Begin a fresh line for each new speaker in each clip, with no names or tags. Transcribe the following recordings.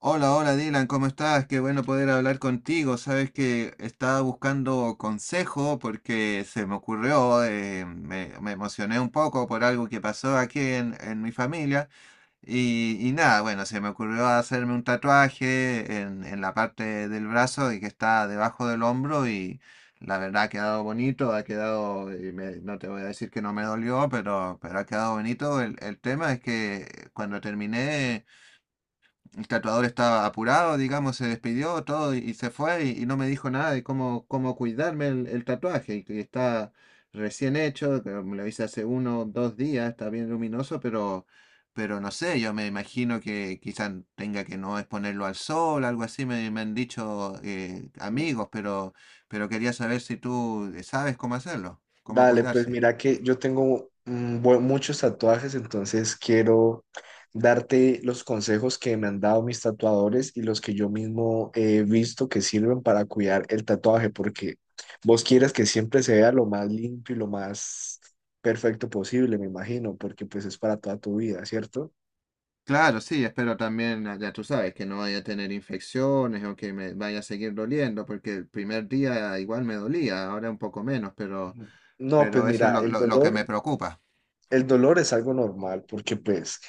Hola, hola Dylan, ¿cómo estás? Qué bueno poder hablar contigo. Sabes que estaba buscando consejo porque se me ocurrió, me emocioné un poco por algo que pasó aquí en mi familia y nada, bueno, se me ocurrió hacerme un tatuaje en la parte del brazo y que está debajo del hombro y la verdad ha quedado bonito, ha quedado, y no te voy a decir que no me dolió, pero ha quedado bonito. El tema es que cuando terminé. El tatuador estaba apurado, digamos, se despidió todo y se fue y no me dijo nada de cómo cuidarme el tatuaje. Y, que está recién hecho, que me lo hice hace uno o dos días, está bien luminoso, pero no sé, yo me imagino que quizás tenga que no exponerlo al sol, algo así, me han dicho amigos, pero quería saber si tú sabes cómo hacerlo, cómo
Dale, pues
cuidarse.
mira que yo tengo muchos tatuajes, entonces quiero darte los consejos que me han dado mis tatuadores y los que yo mismo he visto que sirven para cuidar el tatuaje, porque vos quieres que siempre se vea lo más limpio y lo más perfecto posible, me imagino, porque pues es para toda tu vida, ¿cierto?
Claro, sí, espero también, ah, ya tú sabes, que no vaya a tener infecciones o que me vaya a seguir doliendo, porque el primer día igual me dolía, ahora un poco menos,
No, pues
pero eso es
mira,
lo que me preocupa.
el dolor es algo normal, porque pues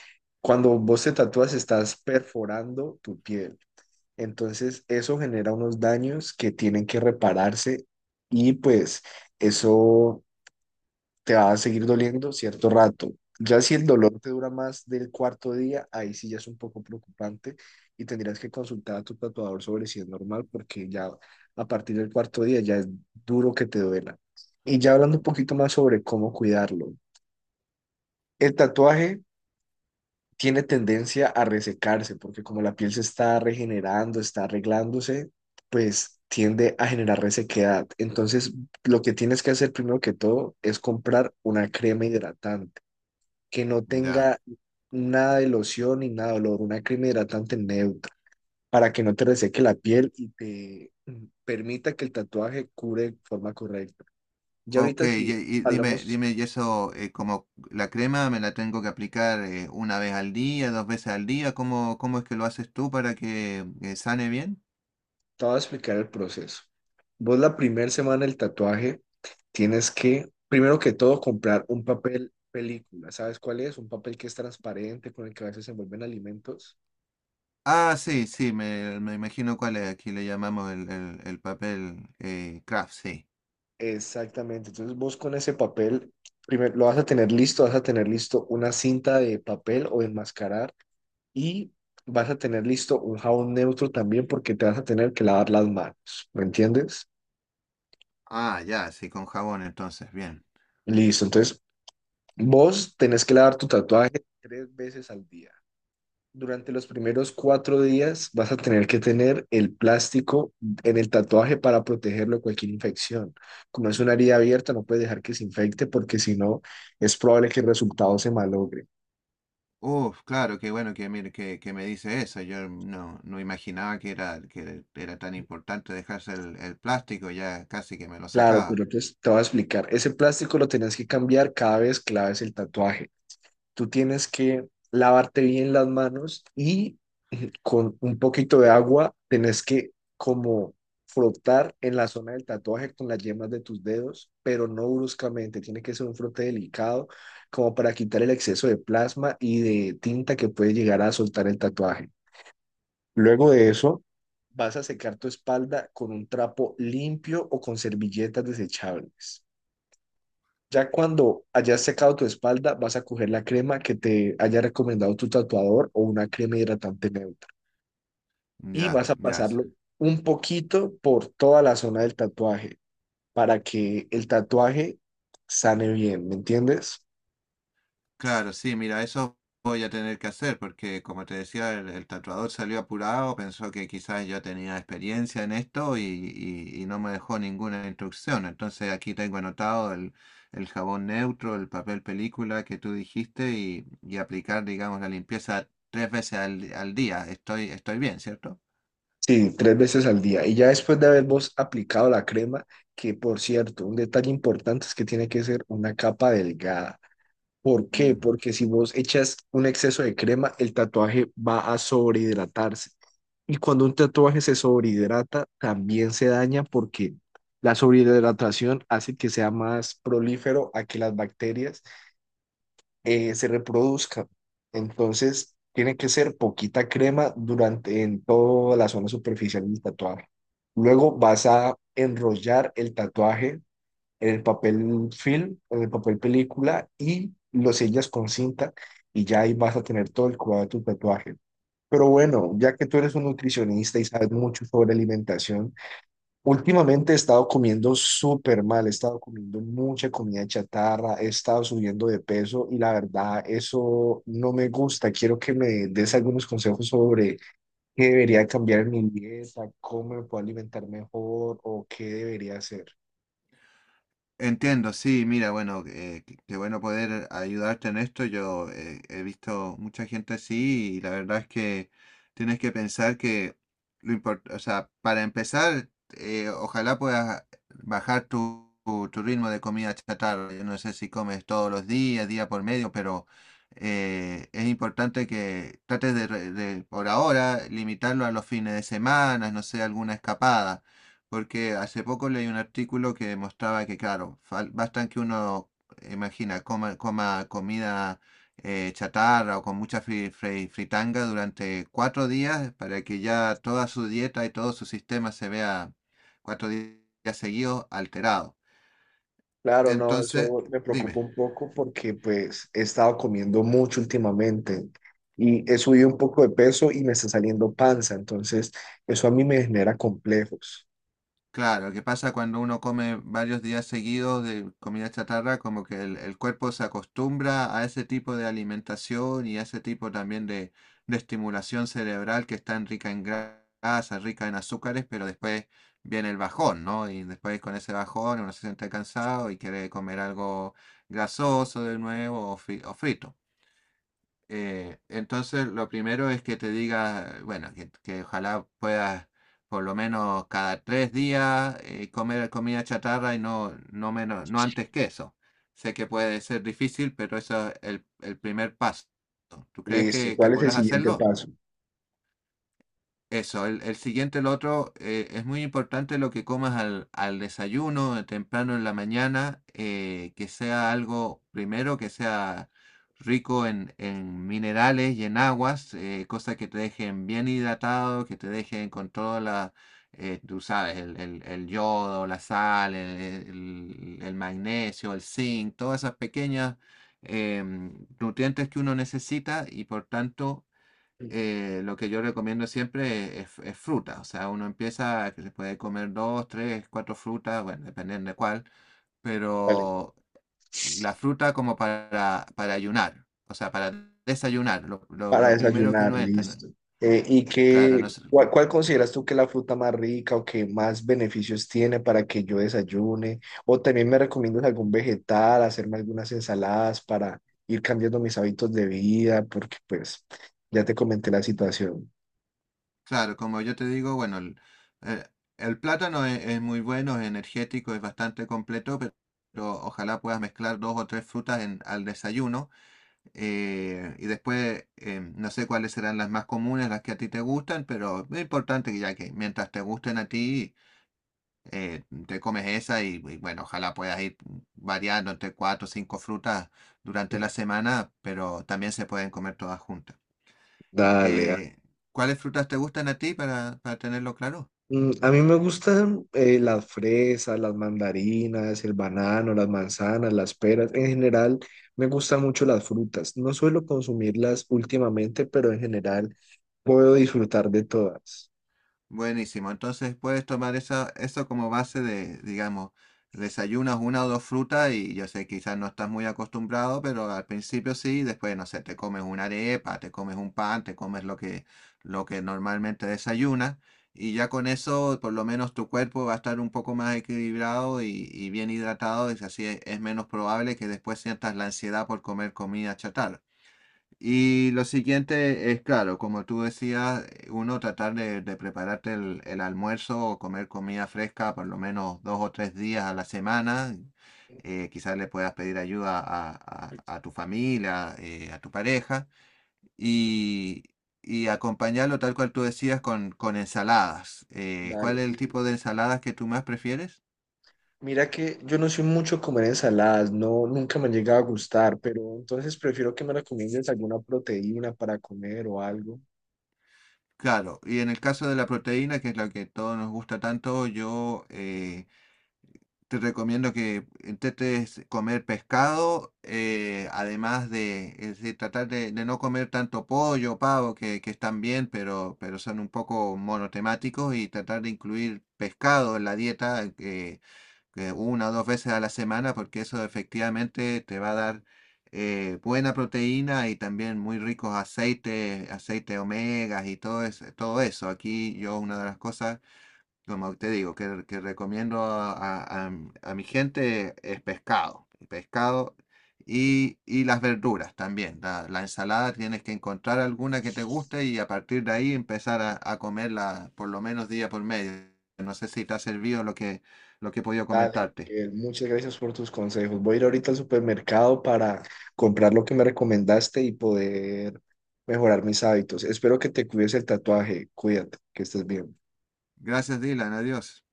cuando vos te tatúas estás perforando tu piel. Entonces, eso genera unos daños que tienen que repararse y pues eso te va a seguir doliendo cierto rato. Ya si el dolor te dura más del cuarto día, ahí sí ya es un poco preocupante y tendrías que consultar a tu tatuador sobre si es normal porque ya a partir del cuarto día ya es duro que te duela. Y ya hablando un poquito más sobre cómo cuidarlo. El tatuaje tiene tendencia a resecarse, porque como la piel se está regenerando, está arreglándose, pues tiende a generar resequedad. Entonces, lo que tienes que hacer primero que todo es comprar una crema hidratante que no
Ya.
tenga nada de loción ni nada de olor, una crema hidratante neutra, para que no te reseque la piel y te permita que el tatuaje cure de forma correcta. Ya
Ok,
ahorita
y,
si
y dime,
hablamos
dime, y eso, como la crema me la tengo que aplicar una vez al día, dos veces al día, ¿ cómo es que lo haces tú para que sane bien?
te voy a explicar el proceso. Vos la primera semana del tatuaje tienes que, primero que todo, comprar un papel película. ¿Sabes cuál es? Un papel que es transparente, con el que a veces se envuelven alimentos.
Ah, sí, sí, me imagino cuál es, aquí le llamamos el papel Kraft, sí.
Exactamente. Entonces vos con ese papel, primero lo vas a tener listo, vas a tener listo una cinta de papel o de enmascarar y vas a tener listo un jabón neutro también porque te vas a tener que lavar las manos. ¿Me entiendes?
Ah, ya, sí, con jabón entonces, bien.
Listo. Entonces vos tenés que lavar tu tatuaje tres veces al día. Durante los primeros cuatro días vas a tener que tener el plástico en el tatuaje para protegerlo de cualquier infección. Como es una herida abierta, no puedes dejar que se infecte porque si no, es probable que el resultado se malogre.
Uf, claro, qué bueno que, mire, que me dice eso. Yo no, no imaginaba que era tan importante dejarse el plástico, ya casi que me lo
Claro,
sacaba.
pero pues te voy a explicar. Ese plástico lo tenías que cambiar cada vez que laves el tatuaje. Tú tienes que lavarte bien las manos y con un poquito de agua tenés que como frotar en la zona del tatuaje con las yemas de tus dedos, pero no bruscamente, tiene que ser un frote delicado como para quitar el exceso de plasma y de tinta que puede llegar a soltar el tatuaje. Luego de eso, vas a secar tu espalda con un trapo limpio o con servilletas desechables. Ya cuando hayas secado tu espalda, vas a coger la crema que te haya recomendado tu tatuador o una crema hidratante neutra. Y
Ya,
vas a
ya.
pasarlo un poquito por toda la zona del tatuaje para que el tatuaje sane bien, ¿me entiendes?
Claro, sí, mira, eso voy a tener que hacer porque, como te decía, el tatuador salió apurado, pensó que quizás yo tenía experiencia en esto y no me dejó ninguna instrucción. Entonces aquí tengo anotado el jabón neutro, el papel película que tú dijiste y aplicar, digamos, la limpieza tres veces al día. Estoy, estoy bien, ¿cierto?
Sí, tres veces al día. Y ya después de haber vos aplicado la crema, que por cierto, un detalle importante es que tiene que ser una capa delgada. ¿Por qué?
Mm.
Porque si vos echas un exceso de crema, el tatuaje va a sobrehidratarse. Y cuando un tatuaje se sobrehidrata, también se daña porque la sobrehidratación hace que sea más prolífero a que las bacterias se reproduzcan. Entonces, tiene que ser poquita crema durante en toda la zona superficial del tatuaje. Luego vas a enrollar el tatuaje en el papel film, en el papel película y lo sellas con cinta y ya ahí vas a tener todo el cuidado de tu tatuaje. Pero bueno, ya que tú eres un nutricionista y sabes mucho sobre alimentación, últimamente he estado comiendo súper mal, he estado comiendo mucha comida chatarra, he estado subiendo de peso y la verdad eso no me gusta. Quiero que me des algunos consejos sobre qué debería cambiar en mi dieta, cómo me puedo alimentar mejor o qué debería hacer.
Entiendo, sí, mira, bueno, qué qué bueno poder ayudarte en esto. Yo he visto mucha gente así y la verdad es que tienes que pensar que lo importante, o sea, para empezar, ojalá puedas bajar tu ritmo de comida chatarra. Yo no sé si comes todos los días, día por medio, pero es importante que trates de por ahora, limitarlo a los fines de semana, no sé, alguna escapada porque hace poco leí un artículo que demostraba que, claro, bastan que uno, imagina, coma comida chatarra o con mucha fritanga durante cuatro días para que ya toda su dieta y todo su sistema se vea días seguidos alterado.
Claro, no,
Entonces,
eso me preocupa
dime.
un poco porque pues he estado comiendo mucho últimamente y he subido un poco de peso y me está saliendo panza, entonces eso a mí me genera complejos.
Claro, que pasa cuando uno come varios días seguidos de comida chatarra, como que el cuerpo se acostumbra a ese tipo de alimentación y a ese tipo también de estimulación cerebral que es tan rica en grasa, rica en azúcares, pero después viene el bajón, ¿no? Y después con ese bajón uno se siente cansado y quiere comer algo grasoso de nuevo o frito. Entonces, lo primero es que te diga, bueno, que ojalá puedas por lo menos cada tres días comer comida chatarra y no, no menos, no antes que eso. Sé que puede ser difícil, pero eso es el primer paso. ¿Tú crees
Listo,
que
¿cuál es el
podrás
siguiente
hacerlo?
paso?
Eso, el siguiente, el otro, es muy importante lo que comas al desayuno, temprano en la mañana, que sea algo, primero, que sea rico en minerales y en aguas, cosas que te dejen bien hidratado, que te dejen con toda la, tú sabes, el yodo, la sal, el magnesio, el zinc, todas esas pequeñas nutrientes que uno necesita y por tanto lo que yo recomiendo siempre es fruta. O sea, uno empieza que se puede comer dos, tres, cuatro frutas, bueno, dependiendo de cuál,
Vale.
pero la fruta como para ayunar, o sea, para desayunar,
Para
lo primero que
desayunar,
uno entra. ¿No?
listo. ¿Y
Claro, no
qué,
sé,
cuál, cuál consideras tú que es la fruta más rica o que más beneficios tiene para que yo desayune? O también me recomiendas algún vegetal, hacerme algunas ensaladas para ir cambiando mis hábitos de vida, porque pues ya te comenté la situación.
claro, como yo te digo, bueno, eh, el plátano es muy bueno, es energético, es bastante completo, pero ojalá puedas mezclar dos o tres frutas en, al desayuno. Y después, no sé cuáles serán las más comunes, las que a ti te gustan, pero es importante que ya que mientras te gusten a ti, te comes esa y bueno, ojalá puedas ir variando entre cuatro o cinco frutas durante la semana, pero también se pueden comer todas juntas.
Dale, da-
Eh, ¿Cuáles frutas te gustan a ti para tenerlo claro?
A mí me gustan las fresas, las mandarinas, el banano, las manzanas, las peras. En general, me gustan mucho las frutas. No suelo consumirlas últimamente, pero en general puedo disfrutar de todas.
Buenísimo. Entonces puedes tomar esa, eso como base de, digamos, desayunas una o dos frutas y yo sé, quizás no estás muy acostumbrado, pero al principio sí, después, no sé, te comes una arepa, te comes un pan, te comes lo que normalmente desayunas y ya con eso por lo menos tu cuerpo va a estar un poco más equilibrado y bien hidratado y así es menos probable que después sientas la ansiedad por comer comida chatarra. Y lo siguiente es, claro, como tú decías, uno tratar de prepararte el almuerzo o comer comida fresca por lo menos dos o tres días a la semana. Quizás le puedas pedir ayuda a tu familia, a tu pareja, y, y acompañarlo tal cual tú decías con ensaladas. ¿Cuál
Dale.
es el
Y
tipo de ensaladas que tú más prefieres?
mira que yo no soy mucho de comer ensaladas, no, nunca me ha llegado a gustar, pero entonces prefiero que me recomiendes alguna proteína para comer o algo.
Claro, y en el caso de la proteína, que es la que todos nos gusta tanto, yo... te recomiendo que intentes comer pescado, además de, es decir, tratar de no comer tanto pollo, pavo, que están bien, pero son un poco monotemáticos, y tratar de incluir pescado en la dieta que una o dos veces a la semana, porque eso efectivamente te va a dar buena proteína y también muy ricos aceites, aceite omegas y todo, todo eso. Aquí yo una de las cosas como te digo, que recomiendo a- a mi gente es pescado, pescado y las verduras también. La ensalada tienes que encontrar alguna que te guste y a partir de ahí empezar a comerla por lo menos día por medio. No sé si te ha servido lo que he podido
Dale,
comentarte.
Miguel, muchas gracias por tus consejos. Voy a ir ahorita al supermercado para comprar lo que me recomendaste y poder mejorar mis hábitos. Espero que te cuides el tatuaje. Cuídate, que estés bien.
Gracias, Dylan. Adiós.